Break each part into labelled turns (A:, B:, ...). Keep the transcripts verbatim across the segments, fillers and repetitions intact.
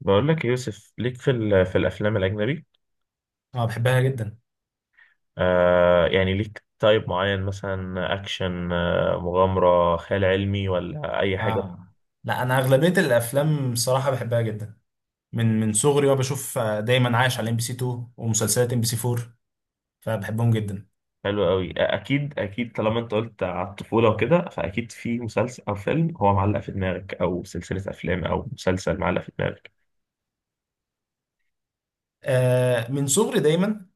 A: بقول لك يا يوسف، ليك في ال- في الافلام الاجنبي؟
B: اه، بحبها جدا.
A: آه يعني ليك تايب معين، مثلا اكشن، آه مغامره، خيال علمي، ولا اي حاجه؟
B: اه. لا، انا اغلبيه الافلام صراحه بحبها جدا من من صغري وانا بشوف، آه، دايما عايش على ام بي سي اتنين ومسلسلات ام بي سي اربعه، فبحبهم جدا.
A: حلوه قوي. آه، اكيد اكيد، طالما انت قلت على الطفوله وكده، فاكيد في مسلسل او فيلم هو معلق في دماغك، او سلسله افلام او مسلسل معلق في دماغك.
B: آه من صغري دايما.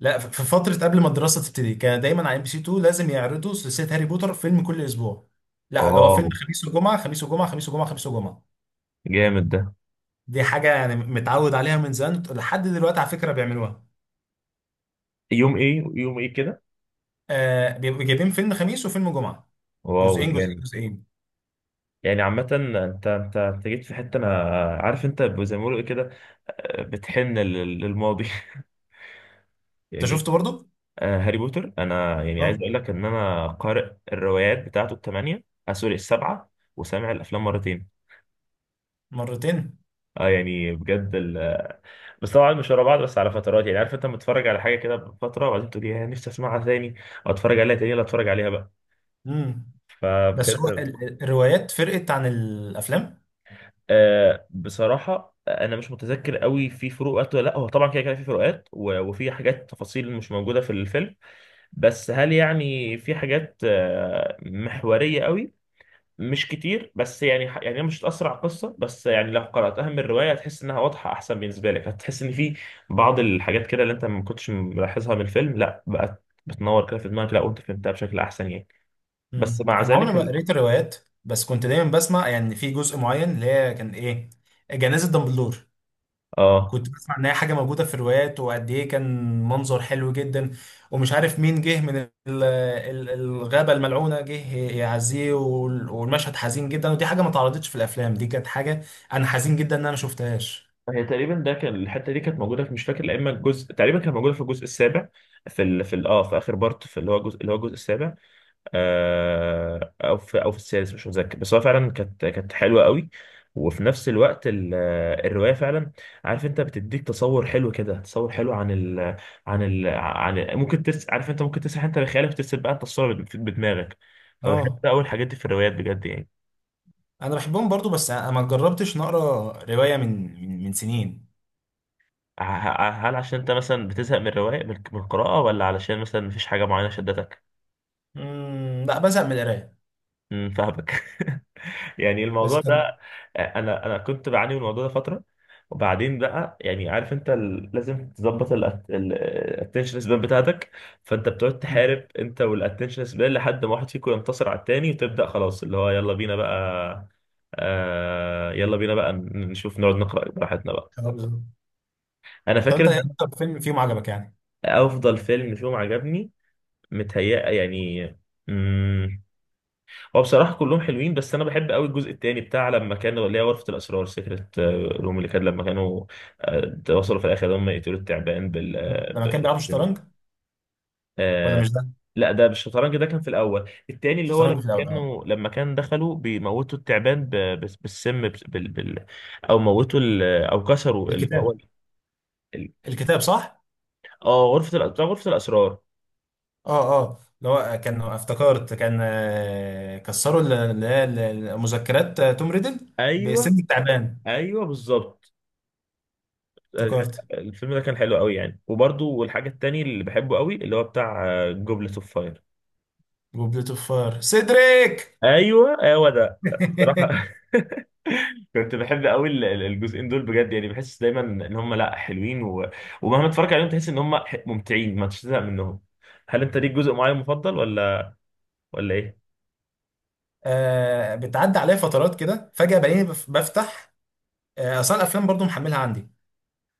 B: لا، ف- في فتره قبل ما الدراسه تبتدي كان دايما على ام بي سي اتنين، لازم يعرضوا سلسله هاري بوتر فيلم كل اسبوع. لا، لو هو
A: واو،
B: فيلم خميس وجمعه، خميس وجمعه، خميس وجمعه، خميس وجمعه.
A: جامد ده.
B: دي حاجه يعني متعود عليها من زمان لحد دلوقتي، على فكره بيعملوها.
A: يوم ايه؟ يوم ايه كده؟
B: آه بيبقوا جايبين فيلم خميس وفيلم جمعه.
A: واو،
B: جزئين جزئين
A: جامد.
B: جزئين.
A: يعني عامة انت انت انت جيت في حتة انا عارف، انت زي ما بيقولوا إيه كده، آه، بتحن لل- للماضي
B: انت
A: يعني.
B: شفته برضو؟
A: آه، هاري بوتر، انا يعني عايز
B: اه.
A: اقول لك ان انا قارئ الروايات بتاعته الثمانيه، آه سوري، السبعه، وسامع الافلام مرتين.
B: مرتين.
A: اه، يعني بجد ال... آه، بس طبعا مش ورا بعض، بس على فترات، يعني عارف انت متفرج على حاجه كده بفتره، وبعدين تقول يا نفسي اسمعها تاني، او اتفرج عليها تاني، ولا اتفرج عليها بقى،
B: امم. بس هو
A: فبجد.
B: ال- ال- الروايات فرقت عن الافلام.
A: آه بصراحه انا مش متذكر قوي، في فروقات ولا لا؟ هو طبعا كده كده في فروقات، و- وفي حاجات تفاصيل مش موجوده في الفيلم، بس هل يعني في حاجات آه، محوريه قوي؟ مش كتير، بس يعني ح- يعني هي مش هتأثر على القصة، بس يعني لو قرأتها من الرواية هتحس إنها واضحة أحسن، بالنسبة لك هتحس إن في بعض الحاجات كده اللي أنت ما كنتش ملاحظها من الفيلم، لا بقت بتنور كده في دماغك، لا وأنت فهمتها بشكل أحسن يعني. بس
B: امم
A: مع
B: انا عمري
A: ذلك
B: ما
A: ال...
B: قريت الروايات، بس كنت دايما بسمع يعني في جزء معين اللي هي كان ايه، جنازة دامبلدور.
A: آه
B: كنت بسمع ان هي حاجه موجوده في الروايات وقد ايه كان منظر حلو جدا، ومش عارف مين جه من ال- ال- الغابه الملعونه جه يعزيه وال- والمشهد حزين جدا، ودي حاجه ما اتعرضتش في الافلام. دي كانت حاجه، انا حزين جدا ان انا ما شفتهاش.
A: هي تقريبا ده كان، الحتة دي كانت موجودة في، مش فاكر، لا إما الجزء، تقريبا كانت موجودة في الجزء السابع، في ال... في ال... آه في آخر بارت، في اللي هو الجزء، اللي هو الجزء السابع، آه، او في او في السادس، مش متذكر. بس هو فعلا كانت كانت حلوه قوي. وفي نفس الوقت ال- آه، الروايه فعلا، عارف انت، بتديك تصور حلو كده، تصور حلو عن ال عن ال عن ال ممكن تس عارف انت ممكن تسرح انت بخيالك، ترسم بقى انت الصوره بت- بدماغك. فبحب
B: اه،
A: ده، اول حاجات دي في الروايات بجد يعني.
B: انا بحبهم برضو، بس انا ما جربتش نقرا روايه من من من سنين.
A: ه- ه- هل عشان انت مثلا بتزهق من الروايه، من من القراءه، ولا علشان مثلا مفيش حاجه معينه شدتك؟
B: امم لا، بزهق من القرايه.
A: مم، فاهمك يعني
B: بس
A: الموضوع
B: كان.
A: ده. انا انا كنت بعاني من الموضوع ده فتره، وبعدين بقى يعني عارف انت، ال- لازم تظبط الاتنشن سبان بتاعتك، فانت بتقعد
B: مم.
A: تحارب انت والاتنشن سبان لحد ما واحد فيكم ينتصر على التاني، وتبدا خلاص اللي هو يلا بينا بقى. آه، يلا بينا بقى نشوف، نقعد نقرا براحتنا بقى.
B: كان أبزر.
A: انا
B: طب
A: فاكر
B: انت ايه
A: ان
B: اكتر فيلم فيهم عجبك يعني؟
A: أنا افضل فيلم فيهم عجبني، متهيأ يعني، هو بصراحة كلهم حلوين، بس أنا بحب قوي الجزء التاني بتاع لما كانوا، اللي هي غرفة الأسرار، سكرة روم، اللي كان لما كانوا آه، وصلوا في الآخر هم يقتلوا التعبان بال
B: مم.
A: آه،
B: لما كان
A: بال-
B: بيلعبوا شطرنج؟ ولا
A: آه،
B: مش ده؟
A: لا ده بالشطرنج، ده كان في الأول، التاني اللي هو
B: شطرنج
A: لما
B: في الاول، اه.
A: كانوا، لما كان دخلوا بيموتوا التعبان، ب- بس- بالسم، بس- بال... بال... أو موتوا ال... أو كسروا اللي هو
B: الكتاب.
A: ال... ال-
B: الكتاب، صح.
A: اه، غرفة الأ- بتاع غرفة الأسرار.
B: اه اه، اللي هو كان افتكرت كان آه، كسروا ال- ال- ال- المذكرات، آه، توم ريدل
A: أيوه،
B: بسن التعبان.
A: أيوه بالظبط.
B: افتكرت.
A: الفيلم ده كان حلو قوي يعني. وبرضه والحاجة التانية اللي بحبه قوي، اللي هو بتاع جوبلت اوف فاير.
B: وبليت اوف فاير، سيدريك.
A: ايوه، هو ده. بصراحة كنت بحب قوي ال- ال- الجزئين دول بجد يعني، بحس دايما ان هم لا حلوين و... ومهما تتفرج عليهم تحس ان هم ح- ممتعين ما تشتاق منهم. هل انت ليك جزء معين مفضل، ولا ولا ايه؟
B: آه، بتعدي عليا فترات كده فجأة بلاقيني بف- بفتح. آه، اصلا الافلام برضو محملها عندي.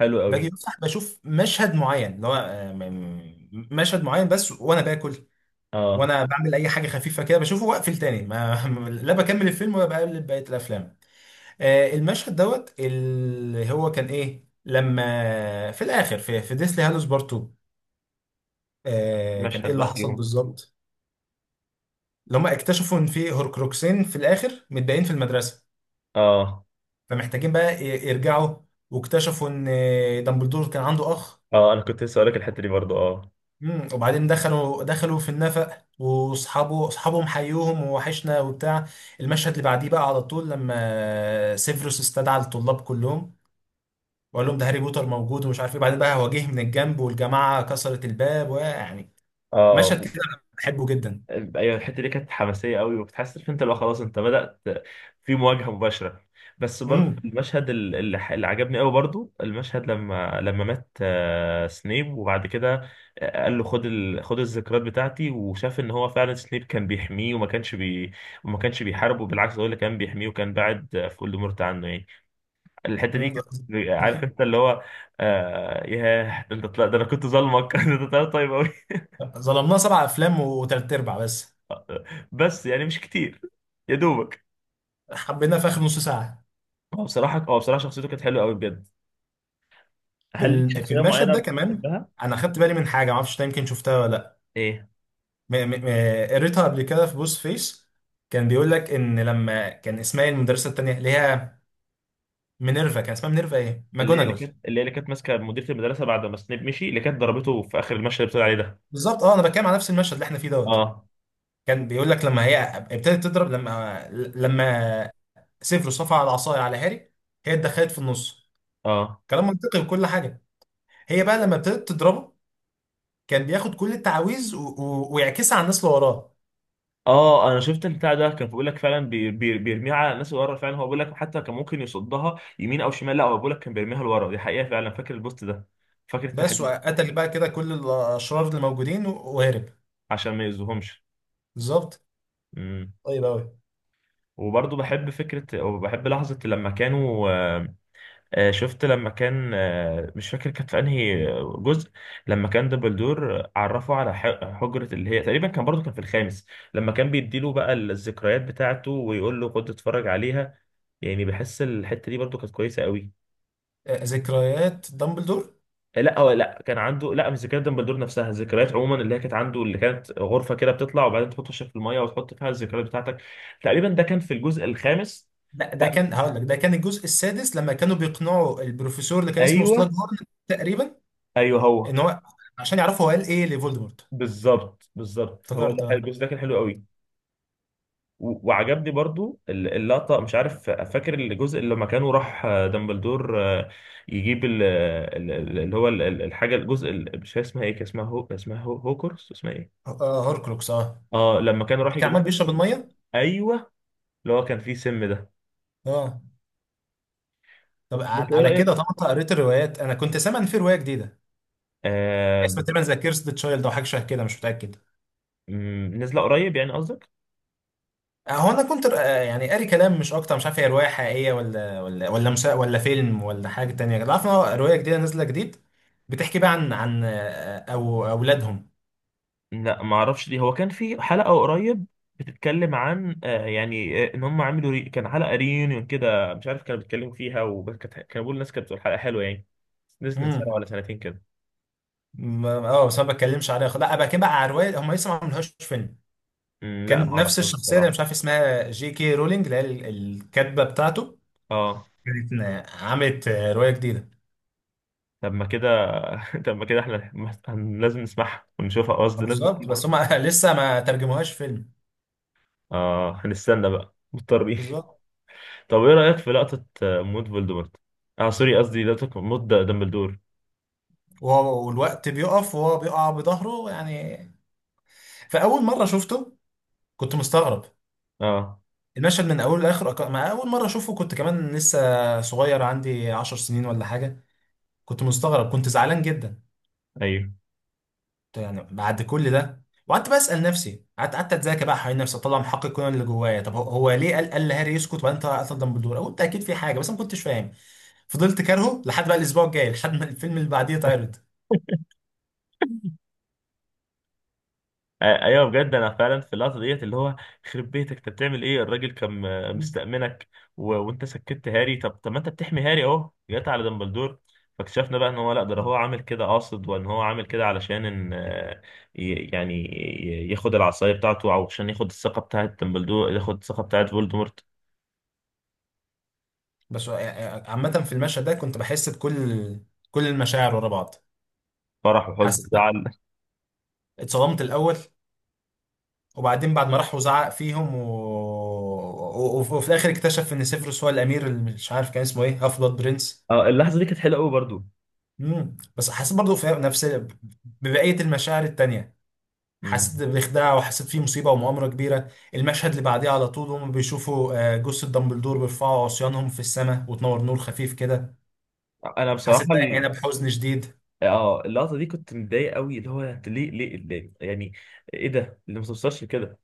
A: حلو قوي.
B: باجي بفتح بشوف مشهد معين اللي هو آه، م- م- مشهد معين بس وانا باكل،
A: اه،
B: وانا بعمل اي حاجه خفيفه كده بشوفه واقفل تاني ما لا بكمل الفيلم ولا بقلب بقيه الافلام. آه، المشهد دوت اللي هو كان ايه لما في الاخر في في ديسلي هالوس بارت اتنين، آه، كان ايه
A: مشهد
B: اللي
A: بقى
B: حصل
A: فيهم.
B: بالظبط. اللي هم اكتشفوا ان في هوركروكسين في الاخر متباين في المدرسه،
A: اه،
B: فمحتاجين بقى ي- يرجعوا. واكتشفوا ان آه، دامبلدور كان عنده اخ.
A: اه، انا كنت لسه هقول لك الحتة دي برضو، اه
B: مم. وبعدين دخلوا دخلوا في النفق، واصحابه اصحابهم حيوهم ووحشنا وبتاع. المشهد اللي بعديه بقى على طول لما سيفيروس استدعى الطلاب كلهم، وقال لهم ده هاري بوتر موجود ومش عارف ايه، بعدين بقى هواجيه من الجنب والجماعه كسرت الباب ويعني.
A: اه.
B: مشهد كده أنا بحبه جدا.
A: ايوه الحته دي كانت حماسيه قوي، وبتحس إن انت لو خلاص انت بدات في مواجهه مباشره. بس برضه
B: مم.
A: المشهد ال- اللي ح- اللي عجبني قوي برضه، المشهد لما لما مات آه، سنيب وبعد كده آه، قال له خد ال... خد الذكريات بتاعتي، وشاف ان هو فعلا سنيب كان بيحميه وما كانش بي... وما كانش بيحاربه، بالعكس هو اللي كان بيحميه، وكان بعد آه، في voldemort عنه يعني. الحته دي
B: مم.
A: كانت، عارف انت اللي هو، آه ياه، ده انت طلع، ده انا كنت ظالمك ده انت طلعت طيب قوي.
B: ظلمناه سبع افلام وتلات ارباع بس،
A: بس يعني مش كتير، يا دوبك.
B: حبينا في اخر نص ساعه.
A: هو بصراحة، هو بصراحة شخصيته كانت حلوة قوي بجد.
B: في
A: هل ليك
B: ال- في
A: شخصية
B: المشهد
A: معينة
B: ده كمان،
A: بتحبها؟
B: انا خدت بالي من حاجه معرفش ده يمكن شفتها ولا
A: ايه؟
B: م- م- م- قريتها قبل كده في بوس فيس. كان بيقول لك ان لما كان اسمها إيه المدرسه التانيه اللي هي مينيرفا، كان اسمها مينيرفا ايه
A: اللي هي اللي
B: ماجوناجل.
A: كانت، اللي هي اللي كانت ماسكة مديرة المدرسة بعد ما سنيب مشي، اللي كانت ضربته في آخر المشهد اللي بتقول عليه ده.
B: بالظبط، اه، انا بتكلم على نفس المشهد اللي احنا فيه دوت.
A: اه
B: كان بيقول لك لما هي ابتدت تضرب، لما لما سيفروس رفع العصايه على هاري هي اتدخلت في النص،
A: اه.
B: كلام منطقي وكل حاجه. هي بقى لما ابتدت تضربه كان بياخد كل التعاويذ و- و- ويعكسها على الناس اللي وراه.
A: اه انا شفت البتاع ده كان بيقول لك فعلا بي- بي- بيرميها على الناس اللي ورا، فعلا هو بيقول لك حتى كان ممكن يصدها يمين او شمال، لا هو بيقول لك كان بيرميها لورا، دي حقيقة فعلا، فاكر البوست ده، فاكر
B: بس
A: التحليل ده.
B: وقتل بقى كده كل الاشرار اللي موجودين و- وهرب.
A: عشان ما يأذوهمش.
B: بالظبط.
A: امم.
B: طيب قوي.
A: وبرضه بحب فكرة وبحب لحظة لما كانوا آه، آه، شفت لما كان آه، مش فاكر كانت في انهي جزء، لما كان دبلدور عرفه على ح- حجرة اللي هي تقريبا كان برضه كان في الخامس، لما كان بيديله بقى الذكريات بتاعته ويقول له خد اتفرج عليها، يعني بحس الحتة دي برضه كانت كويسة قوي.
B: آه، ذكريات دامبلدور.
A: آه، لا هو لا كان عنده، لا مش ذكريات دمبلدور نفسها، ذكريات عموما اللي هي كانت عنده، اللي كانت غرفة كده بتطلع، وبعدين تحط وشك في المية وتحط فيها الذكريات بتاعتك، تقريبا ده كان في الجزء الخامس.
B: لا ده
A: لا
B: كان هقول لك ده كان الجزء السادس لما كانوا بيقنعوا البروفيسور اللي كان اسمه سلاج
A: ايوه،
B: هورن، تقريبا،
A: ايوه هو،
B: ان هو، عشان يعرفوا هو قال ايه لفولدمورت.
A: بالظبط بالظبط، هو
B: افتكرت،
A: ده
B: اه.
A: الجزء، ده كان حلو قوي. و- وعجبني برضو ال- اللقطة مش عارف، فاكر الجزء اللي لما كانوا راح آه، دامبلدور آه، يجيب ال- ال- ال- اللي هو ال- ال- الحاجة، الجزء ال- مش عارف اسمها ايه، كان اسمها هو، اسمها هو هوكرس، اسمها ايه؟
B: آه، هوركروكس، اه.
A: اه لما كانوا راح
B: لما كان
A: يجيبوها.
B: عمال بيشرب الميه.
A: ايوه، اللي هو كان فيه سم ده.
B: اه. طب، على
A: وانت ايه
B: على كده
A: رأيك؟
B: طبعا أنت قريت الروايات. انا كنت سامع ان في روايه جديده
A: آه ب-
B: اسمها تقريبا ذا كيرس ذا تشايلد او حاجه شبه كده، مش متاكد.
A: م- نزل قريب يعني قصدك؟
B: هو انا كنت آه، يعني قاري كلام مش اكتر، مش عارف هي روايه حقيقيه ولا ولا ولا مسا ولا فيلم ولا حاجه تانية كده، عارف إن هو روايه جديده نازله جديد. بتحكي بقى عن عن آه، او اولادهم.
A: لا ما اعرفش، ليه هو كان في حلقه قريب بتتكلم عن آه، يعني آه، ان هم عملوا ري... كان حلقه ريunion كده، مش عارف كانوا بيتكلموا فيها، وكانت كانوا بيقولوا، الناس كانت بتقول حلقه حلوه يعني، نزل من سنه
B: امم.
A: ولا سنتين كده.
B: م- اه، بس ما بتكلمش عليها، خ- لا بقى كده بقى على روايه هم لسه ما عملوهاش فيلم.
A: أمم، لا ما
B: كان نفس
A: اعرفهاش
B: الشخصيه اللي
A: بصراحه.
B: مش عارف اسمها جي كي رولينج اللي هي ال- الكاتبه بتاعته،
A: اه،
B: كانت آه، عملت آه، روايه جديده.
A: طب ما كده طب ما كده احنا هن- لازم نسمعها ونشوفها، آه، قصدي لازم
B: بالظبط، بس
A: نسمعها.
B: هم لسه ما ترجموهاش فيلم.
A: اه، هنستنى بقى مضطرين
B: بالظبط،
A: طب ايه رايك في لقطه آه، موت فولدمورت، اه سوري قصدي لقطه موت د- دامبلدور؟
B: وهو والوقت بيقف وهو بيقع بظهره يعني، فاول مره شفته كنت مستغرب.
A: اه
B: المشهد من اوله لاخره، أك- ما اول مره اشوفه كنت كمان لسه صغير عندي عشر سنين ولا حاجه، كنت مستغرب كنت زعلان جدا.
A: ايوه
B: كنت يعني بعد كل ده، وقعدت بسال نفسي، قعدت قعدت اتذاكى بقى حوالين نفسي اطلع محقق كونان اللي جوايا، طب هو هو ليه قال قال لهاري يسكت وبعدين طلع قتل دامبلدور. قلت اكيد في حاجه بس أنا ما كنتش فاهم. فضلت كارهه لحد بقى الاسبوع الجاي، لحد ما الفيلم اللي بعديه اتعرض.
A: آه، ايوه بجد انا فعلا في اللحظه ديت اللي هو خرب بيتك، انت بتعمل ايه؟ الراجل كان آه، مستأمنك، و... وانت سكت هاري، طب طب ما انت بتحمي هاري، اهو جت على دمبلدور. فاكتشفنا بقى ان هو لا ده هو عامل كده قاصد، وان هو عامل كده علشان ان آه، ي- يعني ي- ياخد العصايه بتاعته، او عشان ياخد الثقه بتاعت دمبلدور، ياخد الثقه بتاعت فولدمورت.
B: بس عامة، في المشهد ده كنت بحس بكل كل المشاعر ورا بعض.
A: فرح وحزن
B: حسيت،
A: وزعل.
B: اتصدمت الأول، وبعدين بعد ما راح وزعق فيهم و... و... وف- وفي الاخر اكتشف ان سيفيروس هو الامير اللي مش عارف كان اسمه ايه، هاف بلاد برنس.
A: اه اللحظه دي كانت حلوه قوي برضو.
B: امم بس حسيت برضو في نفس ببقيه المشاعر التانية.
A: مم.
B: حسيت بخداع وحسيت فيه مصيبه ومؤامره كبيره. المشهد اللي بعديه على طول هم بيشوفوا آه، جثه دامبلدور بيرفعوا عصيانهم في السماء وتنور نور خفيف كده،
A: انا بصراحه
B: حسيت بقى
A: ال...
B: هنا بحزن شديد.
A: اه اللقطه دي كنت متضايق قوي، اللي هو انت ليه ليه ليه يعني، ايه ده اللي ما توصلش كده.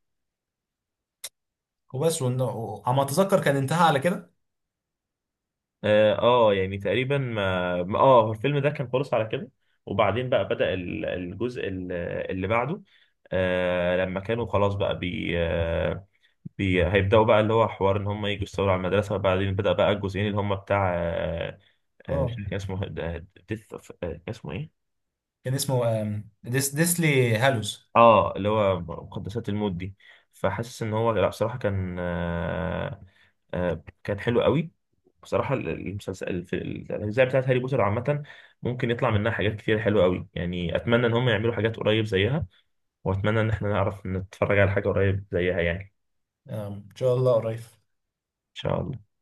B: وبس، وإن- وعم اتذكر كان انتهى على كده.
A: اه آه، يعني تقريبا ما ما- اه هو الفيلم ده كان خلص على كده، وبعدين بقى بدأ ال- الجزء ال- اللي بعده، آه لما كانوا خلاص بقى بي, آه بي هيبدأوا بقى، اللي هو حوار ان هم يجوا يستولوا على المدرسة، وبعدين بدأ بقى الجزئين اللي هم بتاع آه، آه مش
B: اه،
A: فاكر كان اسمه، ديث اوف، اسمه ايه؟
B: كان اسمه آم، ديس ديسلي هالوز.
A: اه اللي هو مقدسات الموت دي. فحاسس ان هو لا بصراحه كان آه آه كان حلو قوي. بصراحه ال- المسلسل الف- الاجزاء بتاعت هاري بوتر عامه ممكن يطلع منها حاجات كتير حلوه قوي يعني، اتمنى ان هم يعملوا حاجات قريب زيها، واتمنى ان احنا نعرف نتفرج على حاجه قريب زيها يعني.
B: آم، ان شاء الله قريب.
A: ان شاء الله.